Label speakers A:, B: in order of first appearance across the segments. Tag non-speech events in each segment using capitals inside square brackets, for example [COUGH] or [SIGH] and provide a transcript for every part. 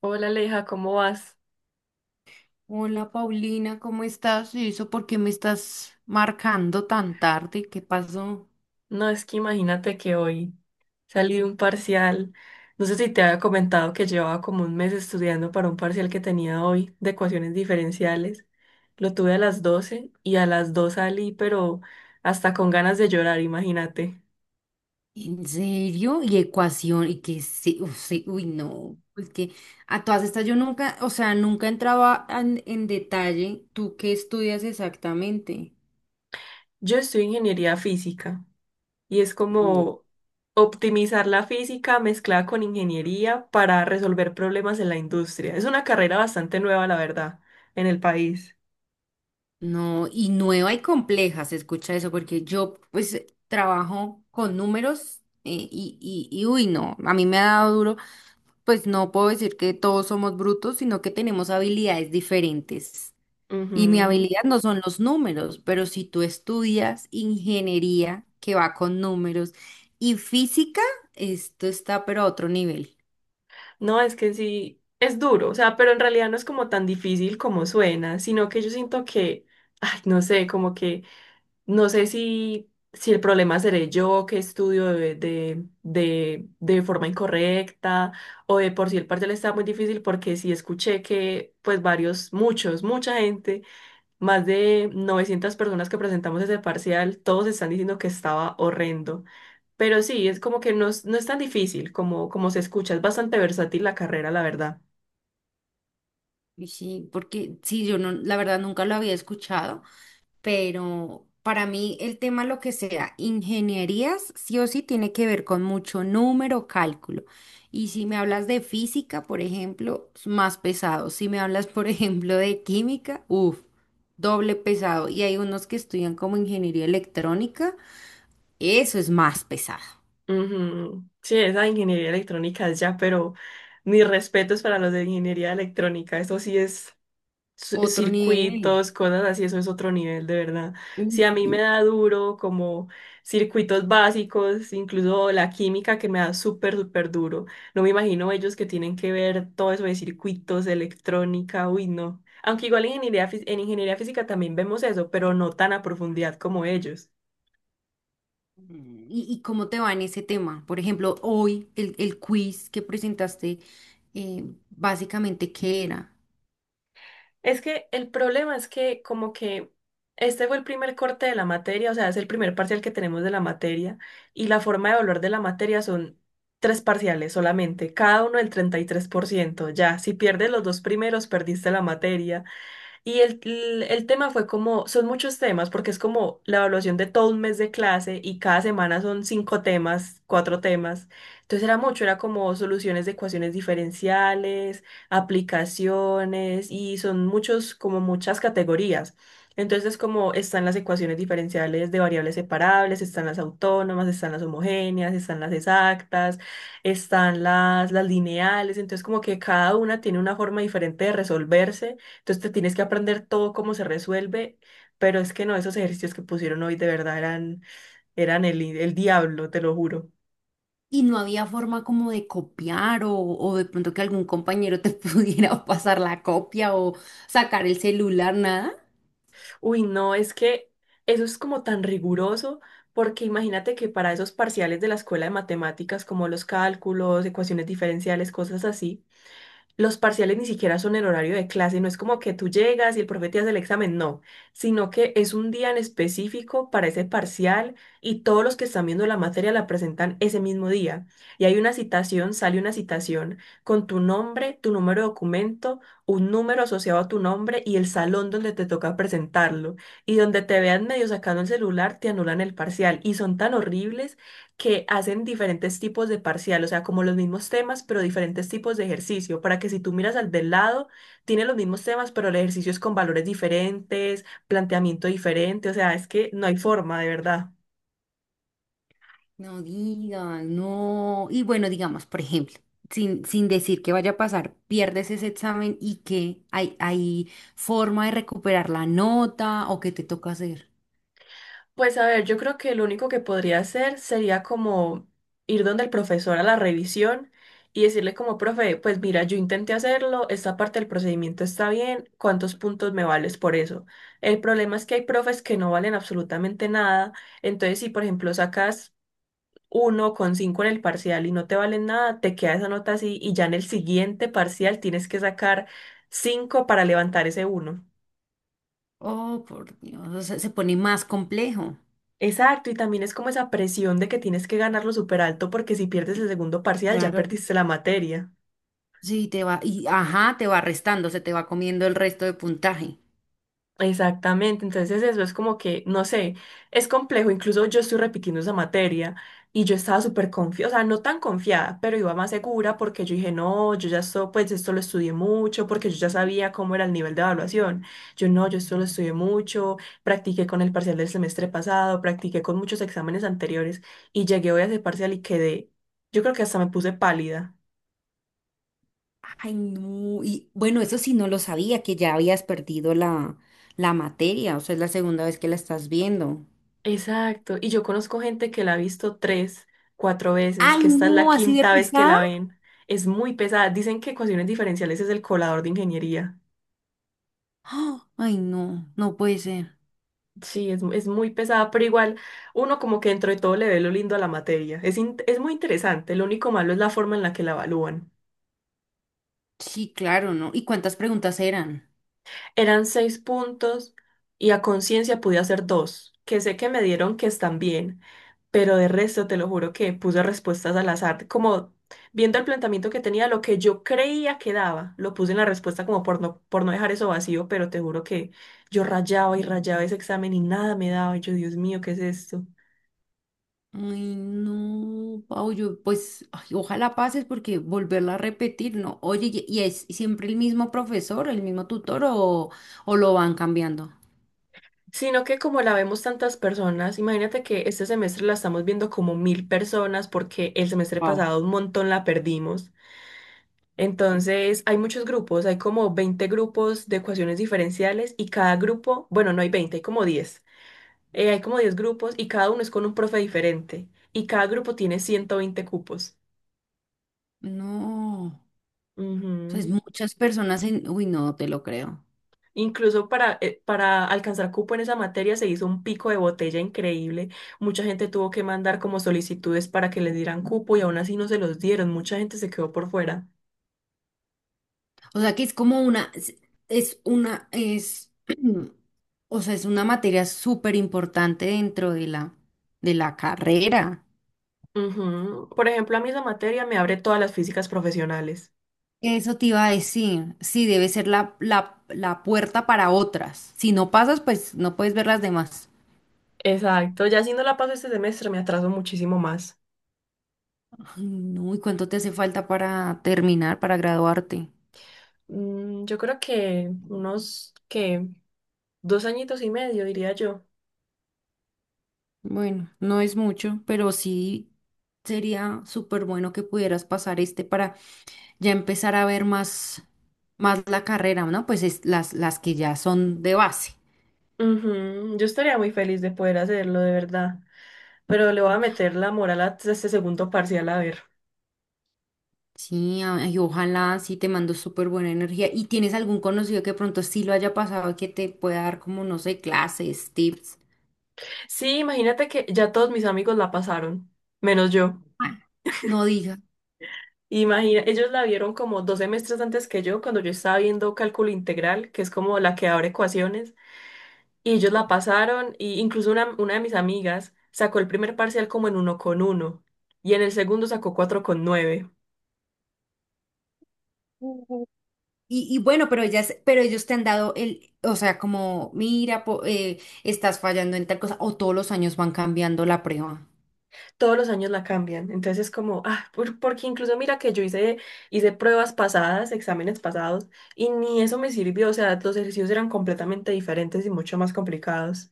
A: Hola Aleja, ¿cómo vas?
B: Hola Paulina, ¿cómo estás? ¿Y eso por qué me estás marcando tan tarde? ¿Qué pasó?
A: No, es que imagínate que hoy salí de un parcial. No sé si te había comentado que llevaba como un mes estudiando para un parcial que tenía hoy de ecuaciones diferenciales. Lo tuve a las 12 y a las 2 salí, pero hasta con ganas de llorar, imagínate.
B: ¿En serio? ¿Y ecuación? ¿Y que sí? Uf, sí. Uy, no. Pues que a todas estas yo nunca, o sea, nunca entraba en detalle. ¿Tú qué estudias exactamente?
A: Yo estudio ingeniería física y es
B: Mm.
A: como optimizar la física mezclada con ingeniería para resolver problemas en la industria. Es una carrera bastante nueva, la verdad, en el país.
B: No, y nueva y compleja se escucha eso, porque yo pues trabajo con números y, y uy, no, a mí me ha dado duro. Pues no puedo decir que todos somos brutos, sino que tenemos habilidades diferentes. Y mi
A: Ujú.
B: habilidad no son los números, pero si tú estudias ingeniería que va con números y física, esto está pero a otro nivel.
A: No, es que sí, es duro, o sea, pero en realidad no es como tan difícil como suena, sino que yo siento que, [LAUGHS] ay, no sé, como que, no sé si el problema seré yo que estudio de forma incorrecta o de por sí el parcial está muy difícil porque sí escuché que, pues, varios, muchos, mucha gente, más de 900 personas que presentamos ese parcial, todos están diciendo que estaba horrendo. Pero sí, es como que no es tan difícil como se escucha, es bastante versátil la carrera, la verdad.
B: Y sí, porque sí, yo no, la verdad nunca lo había escuchado, pero para mí el tema, lo que sea, ingenierías, sí o sí tiene que ver con mucho número, cálculo. Y si me hablas de física, por ejemplo, es más pesado. Si me hablas, por [LAUGHS] ejemplo, de química, uff, doble pesado. Y hay unos que estudian como ingeniería electrónica, eso es más pesado.
A: Ujú. Sí, esa ingeniería electrónica es ya, pero mis respetos para los de ingeniería electrónica, eso sí es
B: Otro nivel.
A: circuitos, cosas así, eso es otro nivel, de verdad. Si
B: Uy,
A: a mí me
B: sí.
A: da duro como circuitos básicos, incluso la química que me da súper, súper duro, no me imagino ellos que tienen que ver todo eso de circuitos, electrónica, uy, no. Aunque igual en ingeniería, en ingeniería física también vemos eso, pero no tan a profundidad como ellos.
B: Mm. ¿Y cómo te va en ese tema? Por ejemplo, hoy el quiz que presentaste, eh, básicamente, ¿qué era?
A: Es que el problema es que como que este fue el primer corte de la materia, o sea, es el primer parcial que tenemos de la materia y la forma de evaluar de la materia son tres parciales solamente, cada uno del 33% ya, si pierdes los dos primeros, perdiste la materia, y el tema fue como, son muchos temas, porque es como la evaluación de todo un mes de clase y cada semana son cinco temas, cuatro temas. Entonces era mucho, era como soluciones de ecuaciones diferenciales, aplicaciones y son muchos, como muchas categorías. Entonces como están las ecuaciones diferenciales de variables separables, están las autónomas, están las homogéneas, están las exactas, están las lineales. Entonces como que cada una tiene una forma diferente de resolverse. Entonces te tienes que aprender todo cómo se resuelve, pero es que no, esos ejercicios que pusieron hoy de verdad eran el diablo, te lo juro.
B: ¿Y no había forma como de copiar o de pronto que algún compañero te [LAUGHS] pudiera pasar la copia o sacar el celular, nada?
A: Uy, no, es que eso es como tan riguroso, porque imagínate que para esos parciales de la escuela de matemáticas, como los cálculos, ecuaciones diferenciales, cosas así, los parciales ni siquiera son en horario de clase, no es como que tú llegas y el profe te hace el examen, no, sino que es un día en específico para ese parcial y todos los que están viendo la materia la presentan ese mismo día. Y hay una citación, sale una citación con tu nombre, tu número de documento, un número asociado a tu nombre y el salón donde te toca presentarlo. Y donde te vean medio sacando el celular, te anulan el parcial. Y son tan horribles que hacen diferentes tipos de parcial, o sea, como los mismos temas, pero diferentes tipos de ejercicio, para que si tú miras al del lado, tiene los mismos temas, pero el ejercicio es con valores diferentes, planteamiento diferente, o sea, es que no hay forma, de verdad.
B: No digas, no. Y bueno, digamos, por ejemplo, sin decir que vaya a pasar, pierdes ese examen, y que hay forma de recuperar la nota o que te toca hacer.
A: Pues a ver, yo creo que lo único que podría hacer sería como ir donde el profesor a la revisión y decirle como, profe, pues mira, yo intenté hacerlo, esta parte del procedimiento está bien, ¿cuántos puntos me vales por eso? El problema es que hay profes que no valen absolutamente nada, entonces si por ejemplo sacas 1,5 en el parcial y no te valen nada, te queda esa nota así y ya en el siguiente parcial tienes que sacar cinco para levantar ese uno.
B: Oh, por Dios, o sea, se pone más complejo.
A: Exacto, y también es como esa presión de que tienes que ganarlo súper alto porque si pierdes el segundo parcial ya
B: Claro.
A: perdiste la materia.
B: Sí, te va, y ajá, te va restando, se te va comiendo el resto de puntaje.
A: Exactamente, entonces eso es como que, no sé, es complejo, incluso yo estoy repitiendo esa materia y yo estaba súper confiada, o sea, no tan confiada, pero iba más segura porque yo dije, no, yo ya esto, pues esto lo estudié mucho, porque yo ya sabía cómo era el nivel de evaluación, yo no, yo esto lo estudié mucho, practiqué con el parcial del semestre pasado, practiqué con muchos exámenes anteriores y llegué hoy a ese parcial y quedé, yo creo que hasta me puse pálida.
B: Ay, no. Y bueno, eso sí no lo sabía, que ya habías perdido la, la materia, o sea, es la segunda vez que la estás viendo.
A: Exacto, y yo conozco gente que la ha visto tres, cuatro veces,
B: Ay,
A: que esta es la
B: no, así de
A: quinta vez que
B: pesada.
A: la ven. Es muy pesada. Dicen que ecuaciones diferenciales es el colador de ingeniería.
B: ¡Ah! Ay, no, no puede ser.
A: Sí, es muy pesada, pero igual uno como que dentro de todo le ve lo lindo a la materia. Es muy interesante, lo único malo es la forma en la que la evalúan.
B: Sí, claro, ¿no? ¿Y cuántas preguntas eran?
A: Eran seis puntos y a conciencia pude hacer dos, que sé que me dieron que están bien, pero de resto te lo juro que puse respuestas al azar, como viendo el planteamiento que tenía, lo que yo creía que daba, lo puse en la respuesta como por no dejar eso vacío, pero te juro que yo rayaba y rayaba ese examen y nada me daba, y yo, Dios mío, ¿qué es esto?
B: Ay, no, Pau, yo pues, ay, ojalá pases, porque volverla a repetir, ¿no? Oye, ¿y es siempre el mismo profesor, el mismo tutor o lo van cambiando?
A: Sino que como la vemos tantas personas, imagínate que este semestre la estamos viendo como 1.000 personas porque el semestre
B: Wow.
A: pasado un montón la perdimos. Entonces, hay muchos grupos, hay como 20 grupos de ecuaciones diferenciales y cada grupo, bueno, no hay 20 hay como 10. Hay como 10 grupos y cada uno es con un profe diferente. Y cada grupo tiene 120 cupos.
B: No, o sea, es
A: Ujú.
B: muchas personas en... Uy, no te lo creo.
A: Incluso para alcanzar cupo en esa materia se hizo un pico de botella increíble. Mucha gente tuvo que mandar como solicitudes para que les dieran cupo y aún así no se los dieron. Mucha gente se quedó por fuera.
B: O sea que es como una, es una, es, [CLEARS THROAT] o sea, es una materia súper importante dentro de la carrera.
A: Ujú. Por ejemplo, a mí esa materia me abre todas las físicas profesionales.
B: Eso te iba a decir, sí, debe ser la, la puerta para otras. Si no pasas, pues no puedes ver las demás.
A: Exacto, ya si no la paso este semestre me atraso muchísimo más.
B: Ay, no, ¿y cuánto te hace falta para terminar, para graduarte?
A: Yo creo que unos que 2 añitos y medio, diría yo.
B: Bueno, no es mucho, pero sí sería súper bueno que pudieras pasar este para ya empezar a ver más, más la carrera, ¿no? Pues es las que ya son de base.
A: Ujú, yo estaría muy feliz de poder hacerlo, de verdad. Pero le voy a meter la moral a este segundo parcial a ver.
B: Sí, ay, ojalá. Sí te mando súper buena energía. ¿Y tienes algún conocido que pronto sí lo haya pasado y que te pueda dar como, no sé, clases, tips?
A: Sí, imagínate que ya todos mis amigos la pasaron, menos yo.
B: Ay. No diga.
A: Imagina, ellos la vieron como 2 semestres antes que yo, cuando yo estaba viendo cálculo integral, que es como la que abre ecuaciones, y ellos la pasaron, y incluso una de mis amigas sacó el primer parcial como en 1,1, y en el segundo sacó 4,9.
B: Y bueno, pero ellas, pero ellos te han dado el, o sea, como, mira, estás fallando en tal cosa, o todos los años van cambiando la prueba.
A: Todos los años la cambian. Entonces es como, ah, porque incluso mira que yo hice, hice pruebas pasadas, exámenes pasados, y ni eso me sirvió. O sea, los ejercicios eran completamente diferentes y mucho más complicados.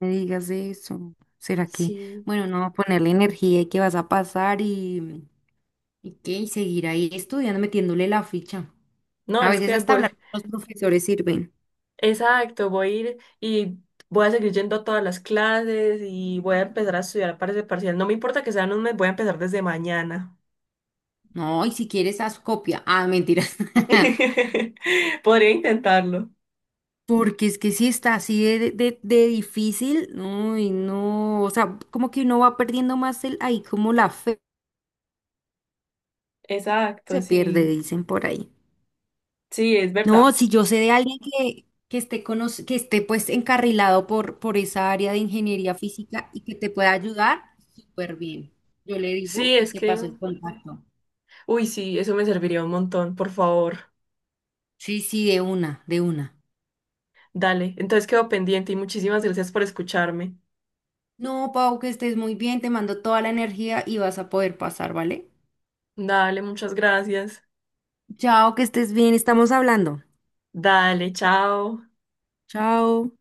B: Me digas eso. ¿Será que,
A: Sí.
B: bueno, no, ponerle energía y que vas a pasar? Y que y seguir ahí estudiando, metiéndole la ficha.
A: No,
B: A
A: es
B: veces
A: que
B: hasta
A: voy,
B: hablar con los profesores sirven.
A: exacto, voy a ir y voy a seguir yendo a todas las clases y voy a empezar a estudiar para ese parcial. No me importa que sean un mes, voy a empezar desde mañana.
B: No, y si quieres, haz copia. Ah, mentiras. [LAUGHS]
A: [LAUGHS] Podría intentarlo.
B: Porque es que si está así de difícil, no, y no, o sea, como que uno va perdiendo más el, ahí como la fe
A: Exacto,
B: se pierde,
A: sí.
B: dicen por ahí.
A: Sí, es
B: No,
A: verdad.
B: si yo sé de alguien que esté que esté pues encarrilado por esa área de ingeniería física y que te pueda ayudar, súper bien. Yo le
A: Sí,
B: digo y
A: es
B: te
A: que
B: paso el contacto.
A: uy, sí, eso me serviría un montón, por favor.
B: Sí, sí, de una, de una.
A: Dale, entonces quedo pendiente y muchísimas gracias por escucharme.
B: No, Pau, que estés muy bien, te mando toda la energía y vas a poder pasar, ¿vale?
A: Dale, muchas gracias.
B: Chao, que estés bien, estamos hablando.
A: Dale, chao.
B: Chao.